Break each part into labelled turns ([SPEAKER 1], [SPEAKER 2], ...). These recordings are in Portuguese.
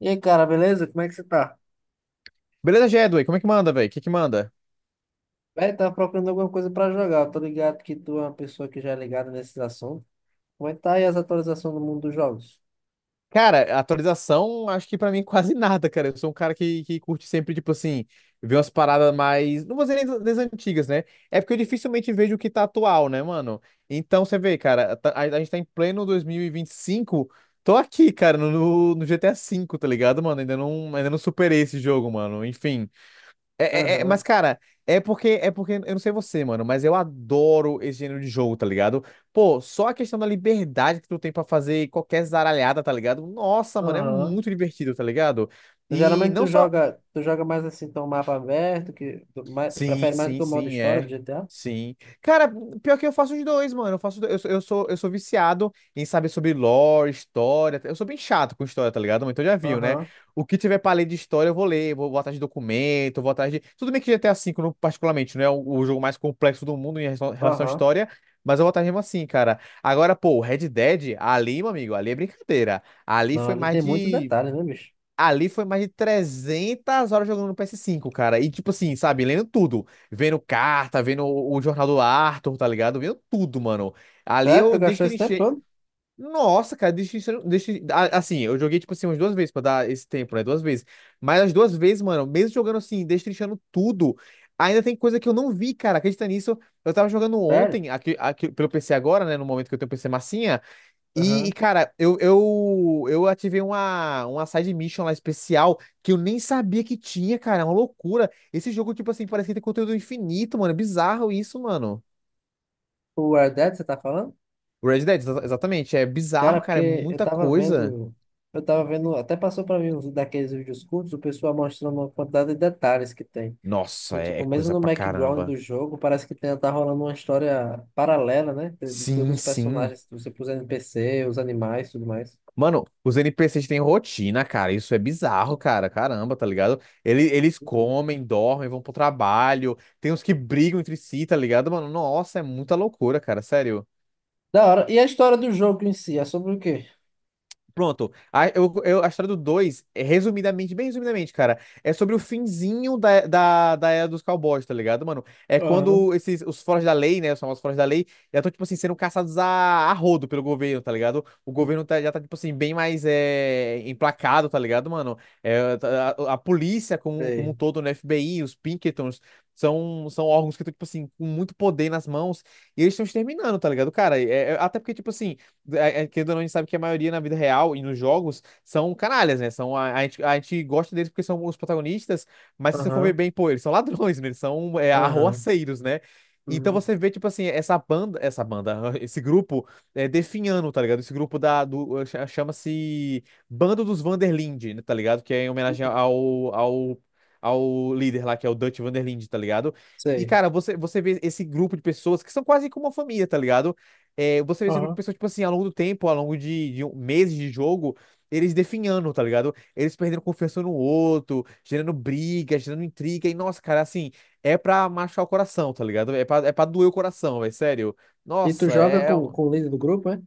[SPEAKER 1] E aí, cara, beleza? Como é que você tá?
[SPEAKER 2] Beleza, Jedway, como é que manda, velho? O que que manda?
[SPEAKER 1] Velho, tava procurando alguma coisa pra jogar. Eu tô ligado que tu é uma pessoa que já é ligada nesses assuntos. Como é que tá aí as atualizações do mundo dos jogos?
[SPEAKER 2] Cara, atualização, acho que pra mim quase nada, cara. Eu sou um cara que curte sempre, tipo assim, ver umas paradas mais. Não vou dizer nem das antigas, né? É porque eu dificilmente vejo o que tá atual, né, mano? Então você vê, cara, a gente tá em pleno 2025. Tô aqui, cara, no GTA V, tá ligado, mano? Ainda não superei esse jogo, mano. Enfim. Mas,
[SPEAKER 1] Aham,
[SPEAKER 2] cara, é porque, eu não sei você, mano, mas eu adoro esse gênero de jogo, tá ligado? Pô, só a questão da liberdade que tu tem pra fazer qualquer zaralhada, tá ligado? Nossa, mano, é
[SPEAKER 1] aham.
[SPEAKER 2] muito divertido, tá ligado? E
[SPEAKER 1] Geralmente
[SPEAKER 2] não
[SPEAKER 1] tu
[SPEAKER 2] só.
[SPEAKER 1] joga, tu joga mais assim, então mapa aberto, que tu mais,
[SPEAKER 2] Sim,
[SPEAKER 1] prefere mais do
[SPEAKER 2] sim,
[SPEAKER 1] que o modo
[SPEAKER 2] sim,
[SPEAKER 1] história do
[SPEAKER 2] é.
[SPEAKER 1] GTA?
[SPEAKER 2] Sim. Cara, pior que eu faço os dois, mano. Eu faço, os dois. Eu sou viciado em saber sobre lore, história. Eu sou bem chato com história, tá ligado? Mas então já viu, né?
[SPEAKER 1] Aham,
[SPEAKER 2] O que tiver pra ler de história, eu vou ler. Vou atrás de documento, vou atrás de. Tudo bem que GTA V, particularmente, não é o jogo mais complexo do mundo em relação à
[SPEAKER 1] aham.
[SPEAKER 2] história, mas eu vou atrás mesmo assim, cara. Agora, pô, Red Dead, ali, meu amigo, ali é brincadeira.
[SPEAKER 1] Não, ali tem muito detalhe, né, bicho?
[SPEAKER 2] Ali foi mais de 300 horas jogando no PS5, cara. E, tipo assim, sabe? Lendo tudo. Vendo carta, vendo o jornal do Arthur, tá ligado? Vendo tudo, mano. Ali
[SPEAKER 1] Sério? Tu
[SPEAKER 2] eu
[SPEAKER 1] gastou esse tempo
[SPEAKER 2] destrinchei.
[SPEAKER 1] todo?
[SPEAKER 2] Nossa, cara, destrinchei. Assim, eu joguei, tipo assim, umas duas vezes pra dar esse tempo, né? Duas vezes. Mas as duas vezes, mano, mesmo jogando assim, destrinchando tudo, ainda tem coisa que eu não vi, cara. Acredita nisso? Eu tava jogando
[SPEAKER 1] Sério?
[SPEAKER 2] ontem, aqui pelo PC agora, né? No momento que eu tenho um PC massinha. E,
[SPEAKER 1] Aham.
[SPEAKER 2] cara, eu ativei uma side mission lá especial que eu nem sabia que tinha, cara. É uma loucura. Esse jogo, tipo assim, parece que tem conteúdo infinito, mano. É bizarro isso, mano.
[SPEAKER 1] O Red Dead, você tá falando?
[SPEAKER 2] O Red Dead, exatamente. É
[SPEAKER 1] Cara,
[SPEAKER 2] bizarro, cara. É
[SPEAKER 1] porque eu
[SPEAKER 2] muita
[SPEAKER 1] tava
[SPEAKER 2] coisa.
[SPEAKER 1] vendo, eu tava vendo, até passou pra mim uns daqueles vídeos curtos, o pessoal mostrando uma quantidade de detalhes que tem. E
[SPEAKER 2] Nossa, é,
[SPEAKER 1] tipo,
[SPEAKER 2] é
[SPEAKER 1] mesmo
[SPEAKER 2] coisa
[SPEAKER 1] no
[SPEAKER 2] pra
[SPEAKER 1] background
[SPEAKER 2] caramba.
[SPEAKER 1] do jogo, parece que tem, tá rolando uma história paralela, né? De todos
[SPEAKER 2] Sim,
[SPEAKER 1] os
[SPEAKER 2] sim.
[SPEAKER 1] personagens, você pôs NPC, os animais, tudo mais.
[SPEAKER 2] Mano, os NPCs têm rotina, cara. Isso é bizarro, cara. Caramba, tá ligado? Eles
[SPEAKER 1] Uhum.
[SPEAKER 2] comem, dormem, vão pro trabalho. Tem uns que brigam entre si, tá ligado, mano? Nossa, é muita loucura, cara. Sério.
[SPEAKER 1] Da hora. E a história do jogo em si, é sobre o quê?
[SPEAKER 2] Pronto. A história do 2 é resumidamente, bem resumidamente, cara, é sobre o finzinho da era dos cowboys, tá ligado, mano? É
[SPEAKER 1] Aham.
[SPEAKER 2] quando esses, os foras da lei, né, os famosos foras da lei, já estão, tipo assim, sendo caçados a rodo pelo governo, tá ligado? O governo já tá, tipo assim, bem mais emplacado, tá ligado, mano? A polícia como um
[SPEAKER 1] Sei.
[SPEAKER 2] todo, né, FBI, os Pinkertons, são órgãos que estão, tipo assim, com muito poder nas mãos, e eles estão exterminando, tá ligado, cara? Até porque, tipo assim, querendo ou não, a gente sabe que a maioria na vida real e nos jogos são canalhas, né? São, a gente gosta deles porque são os protagonistas, mas se você for ver
[SPEAKER 1] Aham.
[SPEAKER 2] bem, pô, eles são ladrões, né? Eles são
[SPEAKER 1] Aham.
[SPEAKER 2] arroaceiros, né? Então
[SPEAKER 1] Uhum.
[SPEAKER 2] você vê, tipo assim, esse grupo definhando, tá ligado? Esse grupo chama-se Bando dos Vanderlinde, né, tá ligado? Que é em homenagem ao líder lá, que é o Dutch Vanderlinde, tá ligado? E,
[SPEAKER 1] Sei.
[SPEAKER 2] cara, você vê esse grupo de pessoas que são quase como uma família, tá ligado? Você vê esse grupo de
[SPEAKER 1] Aham.
[SPEAKER 2] pessoas, tipo assim, ao longo do tempo, ao longo meses de jogo, eles definhando, tá ligado? Eles perdendo confiança no outro, gerando briga, gerando intriga, e nossa, cara, assim, é pra machucar o coração, tá ligado? É pra doer o coração, velho, sério.
[SPEAKER 1] E tu
[SPEAKER 2] Nossa,
[SPEAKER 1] joga
[SPEAKER 2] é. É
[SPEAKER 1] com,
[SPEAKER 2] um
[SPEAKER 1] com o líder do grupo, é?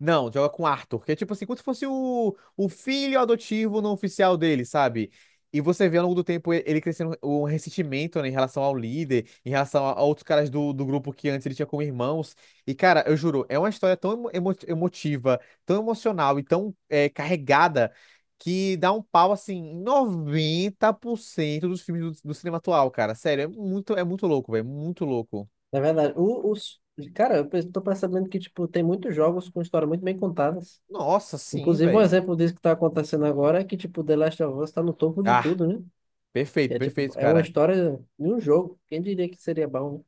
[SPEAKER 2] não, joga com Arthur, que é tipo assim, como se fosse o filho adotivo não oficial dele, sabe? E você vê ao longo do tempo ele crescendo um ressentimento, né, em relação ao líder, em relação a outros caras do grupo que antes ele tinha como irmãos. E, cara, eu juro, é uma história tão emotiva, tão emocional e tão carregada que dá um pau, assim, em 90% dos filmes do cinema atual, cara. Sério, é muito louco, velho, muito louco.
[SPEAKER 1] Na verdade, cara, eu tô percebendo que, tipo, tem muitos jogos com história muito bem contadas.
[SPEAKER 2] Nossa, sim,
[SPEAKER 1] Inclusive, um
[SPEAKER 2] velho.
[SPEAKER 1] exemplo disso que tá acontecendo agora é que, tipo, The Last of Us tá no topo de
[SPEAKER 2] Ah,
[SPEAKER 1] tudo, né?
[SPEAKER 2] perfeito,
[SPEAKER 1] Tipo,
[SPEAKER 2] perfeito,
[SPEAKER 1] é uma
[SPEAKER 2] cara.
[SPEAKER 1] história de um jogo. Quem diria que seria bom, né?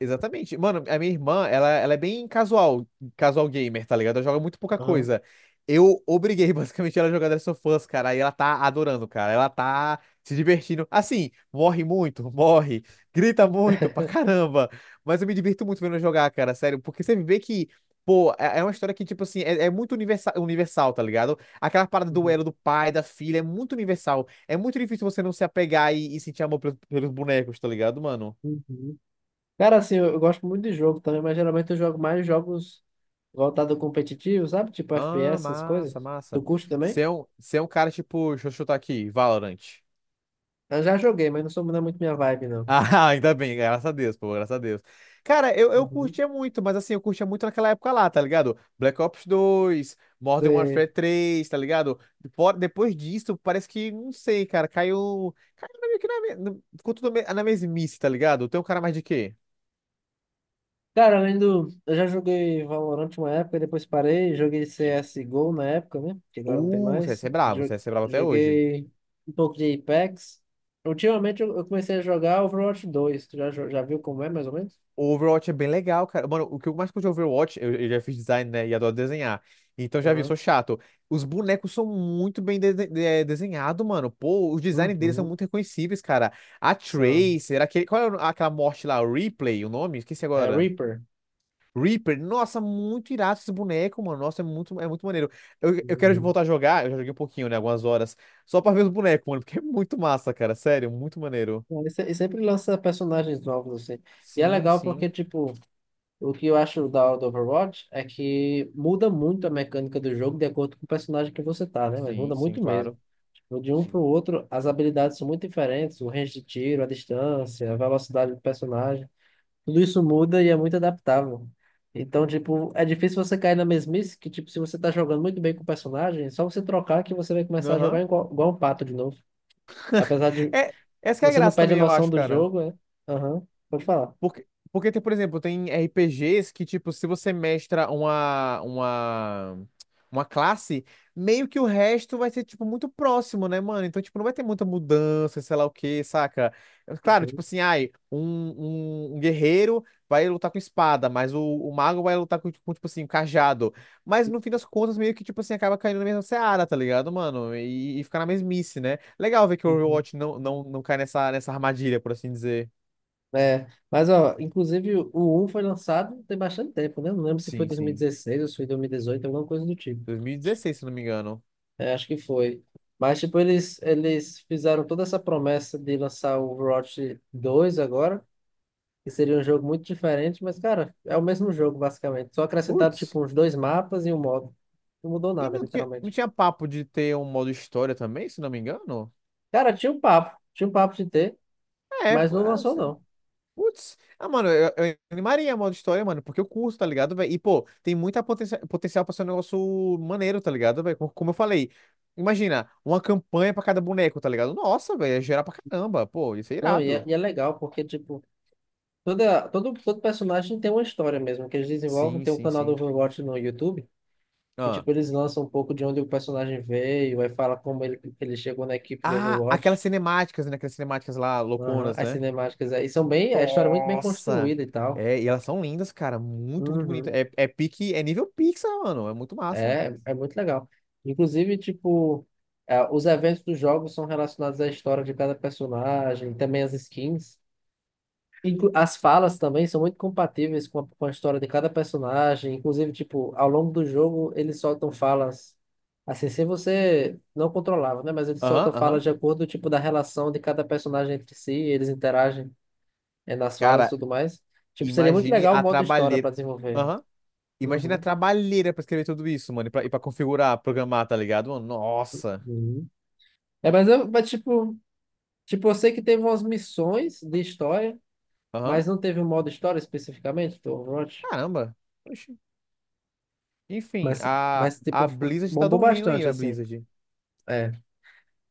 [SPEAKER 2] Exatamente. Mano, a minha irmã, ela é bem casual, casual gamer, tá ligado? Ela joga muito pouca
[SPEAKER 1] Aham.
[SPEAKER 2] coisa. Eu obriguei basicamente ela a jogar Last of Us, cara, e ela tá adorando, cara. Ela tá se divertindo. Assim, morre muito, morre, grita muito pra caramba. Mas eu me divirto muito vendo ela jogar, cara, sério, porque você vê que, pô, é uma história que, tipo assim, é muito universal, universal, tá ligado? Aquela parada do
[SPEAKER 1] Uhum.
[SPEAKER 2] elo do pai, da filha, é muito universal. É muito difícil você não se apegar e sentir amor pelos bonecos, tá ligado, mano?
[SPEAKER 1] Uhum. Cara, assim, eu gosto muito de jogo também, mas geralmente eu jogo mais jogos voltados ao competitivo, sabe? Tipo
[SPEAKER 2] Ah,
[SPEAKER 1] FPS, essas
[SPEAKER 2] massa,
[SPEAKER 1] coisas. Tu
[SPEAKER 2] massa.
[SPEAKER 1] curte também?
[SPEAKER 2] Você é um cara tipo, deixa eu chutar aqui, Valorant.
[SPEAKER 1] Eu já joguei, mas não é muito minha vibe, não.
[SPEAKER 2] Ah, ainda bem, graças a Deus, pô, graças a Deus. Cara, eu
[SPEAKER 1] Uhum.
[SPEAKER 2] curtia muito, mas assim, eu curtia muito naquela época lá, tá ligado? Black Ops 2, Modern Warfare 3, tá ligado? Depois disso, parece que, não sei, cara, caiu. Caiu meio que na, me- no- ficou tudo na mesmice, tá ligado? Tem um cara mais de quê?
[SPEAKER 1] Cara, além do. Eu já joguei Valorant uma época, depois parei. Joguei CSGO na época, né? Que agora não tem
[SPEAKER 2] O
[SPEAKER 1] mais.
[SPEAKER 2] CS é bravo, o CS é bravo até hoje.
[SPEAKER 1] Joguei um pouco de Apex. Ultimamente eu comecei a jogar Overwatch 2. Tu já viu como é, mais ou menos?
[SPEAKER 2] O Overwatch é bem legal, cara. Mano, o que eu mais curto de Overwatch, eu já fiz design, né? E adoro desenhar. Então já vi, sou
[SPEAKER 1] Aham.
[SPEAKER 2] chato. Os bonecos são muito bem de desenhados, mano. Pô, os designs deles são
[SPEAKER 1] Uhum.
[SPEAKER 2] muito reconhecíveis, cara. A
[SPEAKER 1] São.
[SPEAKER 2] Tracer, aquele, qual é aquela morte lá? Replay, o nome? Esqueci
[SPEAKER 1] É
[SPEAKER 2] agora.
[SPEAKER 1] Reaper.
[SPEAKER 2] Reaper, nossa, muito irado esse boneco, mano. Nossa, é muito maneiro. Eu quero
[SPEAKER 1] Uhum.
[SPEAKER 2] voltar a jogar, eu já joguei um pouquinho, né? Algumas horas. Só pra ver os bonecos, mano, porque é muito massa, cara. Sério, muito maneiro.
[SPEAKER 1] É. E se- e sempre lança personagens novos, assim. E é
[SPEAKER 2] Sim,
[SPEAKER 1] legal porque,
[SPEAKER 2] sim.
[SPEAKER 1] tipo, o que eu acho da hora do Overwatch é que muda muito a mecânica do jogo de acordo com o personagem que você tá, né? Mas
[SPEAKER 2] Sim,
[SPEAKER 1] muda
[SPEAKER 2] sim,
[SPEAKER 1] muito mesmo.
[SPEAKER 2] claro.
[SPEAKER 1] O De um para
[SPEAKER 2] Sim.
[SPEAKER 1] o outro, as habilidades são muito diferentes, o range de tiro, a distância, a velocidade do personagem, tudo isso muda e é muito adaptável. Então, tipo, é difícil você cair na mesmice que, tipo, se você tá jogando muito bem com o personagem, é só você trocar que você vai começar a jogar
[SPEAKER 2] Aham.
[SPEAKER 1] igual um pato de novo. Apesar de
[SPEAKER 2] É, essa que é a
[SPEAKER 1] você não
[SPEAKER 2] graça
[SPEAKER 1] perde a
[SPEAKER 2] também, eu
[SPEAKER 1] noção
[SPEAKER 2] acho,
[SPEAKER 1] do
[SPEAKER 2] cara.
[SPEAKER 1] jogo, é. Aham, pode falar.
[SPEAKER 2] Porque, porque tem, por exemplo, tem RPGs que, tipo, se você mestra uma classe, meio que o resto vai ser, tipo, muito próximo, né, mano? Então, tipo, não vai ter muita mudança, sei lá o quê, saca? Claro, tipo
[SPEAKER 1] Uhum,
[SPEAKER 2] assim, ai, um guerreiro vai lutar com espada, mas o mago vai lutar com, tipo assim, um cajado. Mas no fim das contas, meio que, tipo assim, acaba caindo na mesma seara, tá ligado, mano? E fica na mesmice, né? Legal ver que o
[SPEAKER 1] uhum.
[SPEAKER 2] Overwatch não cai nessa armadilha, por assim dizer.
[SPEAKER 1] É, mas ó, inclusive o um foi lançado tem bastante tempo, né? Não lembro se foi
[SPEAKER 2] Sim, sim.
[SPEAKER 1] 2016 ou se foi 2018, alguma coisa do tipo.
[SPEAKER 2] 2016, se não me engano.
[SPEAKER 1] É, acho que foi. Mas, tipo, eles fizeram toda essa promessa de lançar o Overwatch 2 agora, que seria um jogo muito diferente, mas, cara, é o mesmo jogo, basicamente. Só acrescentaram,
[SPEAKER 2] Putz.
[SPEAKER 1] tipo, uns dois mapas e um modo. Não mudou
[SPEAKER 2] E
[SPEAKER 1] nada,
[SPEAKER 2] não tinha, não
[SPEAKER 1] literalmente.
[SPEAKER 2] tinha papo de ter um modo história também, se não me engano?
[SPEAKER 1] Cara, tinha um papo de ter,
[SPEAKER 2] É,
[SPEAKER 1] mas
[SPEAKER 2] pô,
[SPEAKER 1] não lançou,
[SPEAKER 2] assim,
[SPEAKER 1] não.
[SPEAKER 2] putz. Ah, mano, eu animaria modo história, mano, porque eu curto, tá ligado, velho? E, pô, tem muita potencial pra ser um negócio maneiro, tá ligado, velho? Como eu falei, imagina, uma campanha pra cada boneco, tá ligado? Nossa, velho, ia gerar pra caramba. Pô, ia ser
[SPEAKER 1] Não, e é,
[SPEAKER 2] irado.
[SPEAKER 1] e é legal, porque, tipo, todo personagem tem uma história mesmo, que eles desenvolvem.
[SPEAKER 2] Sim,
[SPEAKER 1] Tem um
[SPEAKER 2] sim,
[SPEAKER 1] canal do
[SPEAKER 2] sim.
[SPEAKER 1] Overwatch no YouTube, que,
[SPEAKER 2] Ah,
[SPEAKER 1] tipo, eles lançam um pouco de onde o personagem veio, aí fala como ele chegou na equipe do
[SPEAKER 2] ah, aquelas
[SPEAKER 1] Overwatch.
[SPEAKER 2] cinemáticas, né? Aquelas cinemáticas lá,
[SPEAKER 1] Aham.
[SPEAKER 2] louconas,
[SPEAKER 1] As
[SPEAKER 2] né?
[SPEAKER 1] cinemáticas aí são bem, a história é muito bem
[SPEAKER 2] Nossa!
[SPEAKER 1] construída e tal.
[SPEAKER 2] É, e elas são lindas, cara. Muito, muito bonita.
[SPEAKER 1] Uhum.
[SPEAKER 2] É pique, é nível Pixar, mano. É muito massa.
[SPEAKER 1] É muito legal. Inclusive, tipo, é, os eventos dos jogos são relacionados à história de cada personagem, também as skins. As falas também são muito compatíveis com a história de cada personagem. Inclusive, tipo, ao longo do jogo, eles soltam falas. Assim, se você não controlava, né? Mas eles
[SPEAKER 2] Aham,
[SPEAKER 1] soltam falas
[SPEAKER 2] aham.
[SPEAKER 1] de acordo, tipo, da relação de cada personagem entre si, eles interagem. É, nas falas e
[SPEAKER 2] Cara,
[SPEAKER 1] tudo mais. Tipo, seria muito
[SPEAKER 2] imagine
[SPEAKER 1] legal o
[SPEAKER 2] a
[SPEAKER 1] modo história
[SPEAKER 2] trabalheira.
[SPEAKER 1] pra desenvolver.
[SPEAKER 2] Aham. Imagine a
[SPEAKER 1] Uhum,
[SPEAKER 2] trabalheira pra escrever tudo isso, mano. E pra configurar, programar, tá ligado, mano? Nossa.
[SPEAKER 1] uhum. É, mas tipo, eu sei que teve umas missões de história,
[SPEAKER 2] Aham.
[SPEAKER 1] mas não teve um modo história especificamente do Overwatch.
[SPEAKER 2] Caramba. Oxi. Enfim,
[SPEAKER 1] Mas,
[SPEAKER 2] a,
[SPEAKER 1] mas tipo,
[SPEAKER 2] a Blizzard tá
[SPEAKER 1] bombou
[SPEAKER 2] dormindo aí,
[SPEAKER 1] bastante,
[SPEAKER 2] a
[SPEAKER 1] assim.
[SPEAKER 2] Blizzard.
[SPEAKER 1] É.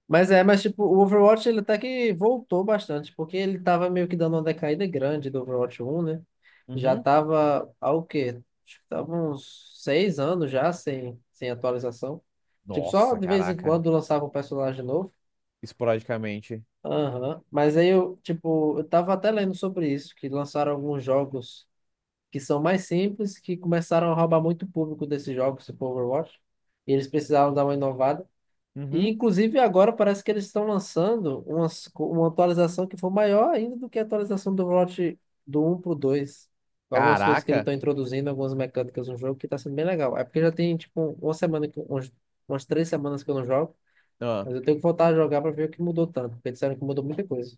[SPEAKER 1] Mas tipo, o Overwatch ele até que voltou bastante, porque ele tava meio que dando uma decaída grande do Overwatch 1, né? Já
[SPEAKER 2] Uhum.
[SPEAKER 1] tava há o quê? Acho que tava uns 6 anos já sem atualização. Tipo, só
[SPEAKER 2] Nossa,
[SPEAKER 1] de vez em
[SPEAKER 2] caraca.
[SPEAKER 1] quando lançava um personagem novo.
[SPEAKER 2] Esporadicamente.
[SPEAKER 1] Aham. Mas aí tipo, eu tava até lendo sobre isso, que lançaram alguns jogos que são mais simples, que começaram a roubar muito público desses jogos, tipo Overwatch. E eles precisaram dar uma inovada. E,
[SPEAKER 2] Uhum.
[SPEAKER 1] inclusive, agora parece que eles estão lançando uma atualização que for maior ainda do que a atualização do lote do um para o dois. Algumas coisas que eles
[SPEAKER 2] Caraca.
[SPEAKER 1] estão introduzindo, algumas mecânicas no jogo, que está sendo bem legal. É porque já tem, tipo, umas 3 semanas que eu não jogo, mas eu tenho que voltar a jogar para ver o que mudou tanto, porque disseram que mudou muita coisa.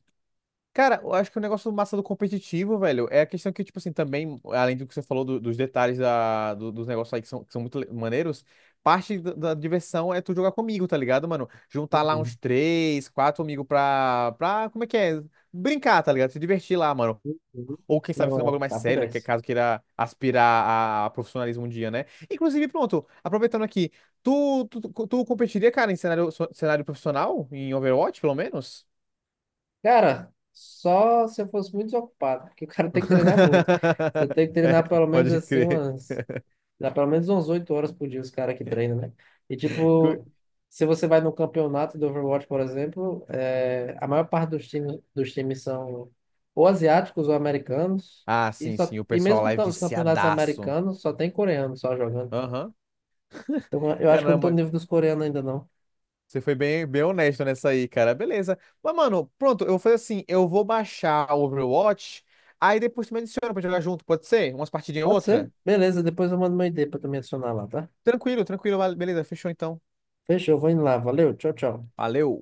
[SPEAKER 2] Cara, eu acho que o negócio massa do competitivo, velho, é a questão que, tipo assim, também, além do que você falou dos detalhes dos negócios aí que são, muito maneiros, parte da diversão é tu jogar comigo, tá ligado, mano? Juntar lá uns
[SPEAKER 1] Uhum,
[SPEAKER 2] três, quatro amigos pra, como é que é? Brincar, tá ligado? Se divertir lá, mano.
[SPEAKER 1] uhum.
[SPEAKER 2] Ou quem sabe fazer um
[SPEAKER 1] Não é,
[SPEAKER 2] bagulho mais
[SPEAKER 1] papo
[SPEAKER 2] sério, né? Que é
[SPEAKER 1] dez.
[SPEAKER 2] caso queira aspirar a profissionalismo um dia, né? Inclusive, pronto, aproveitando aqui, tu competiria, cara, em cenário profissional? Em Overwatch, pelo menos?
[SPEAKER 1] Cara, só se eu fosse muito desocupado, porque o cara tem que treinar muito. Você tem que
[SPEAKER 2] É,
[SPEAKER 1] treinar pelo menos
[SPEAKER 2] pode
[SPEAKER 1] assim
[SPEAKER 2] crer.
[SPEAKER 1] umas. Dá pelo menos umas 8 horas por dia os caras que treinam, né? E
[SPEAKER 2] Cu-
[SPEAKER 1] tipo, se você vai no campeonato do Overwatch, por exemplo, é, a maior parte dos times são ou asiáticos ou americanos.
[SPEAKER 2] Ah,
[SPEAKER 1] E,
[SPEAKER 2] sim,
[SPEAKER 1] só,
[SPEAKER 2] sim, o
[SPEAKER 1] e
[SPEAKER 2] pessoal lá
[SPEAKER 1] mesmo
[SPEAKER 2] é
[SPEAKER 1] os campeonatos
[SPEAKER 2] viciadaço.
[SPEAKER 1] americanos só tem coreano só jogando.
[SPEAKER 2] Aham.
[SPEAKER 1] Então eu acho que eu não tô no
[SPEAKER 2] Caramba,
[SPEAKER 1] nível dos coreanos ainda não.
[SPEAKER 2] você foi bem, bem honesto nessa aí, cara. Beleza. Mas, mano, pronto, eu vou fazer assim, eu vou baixar o Overwatch, aí depois tu me adiciona pra jogar junto, pode ser? Umas partidinhas
[SPEAKER 1] Pode ser?
[SPEAKER 2] outra?
[SPEAKER 1] Beleza, depois eu mando meu ID pra tu me adicionar lá, tá?
[SPEAKER 2] Tranquilo, tranquilo, beleza, fechou então.
[SPEAKER 1] Fechou, vou indo lá. Valeu, tchau, tchau.
[SPEAKER 2] Valeu.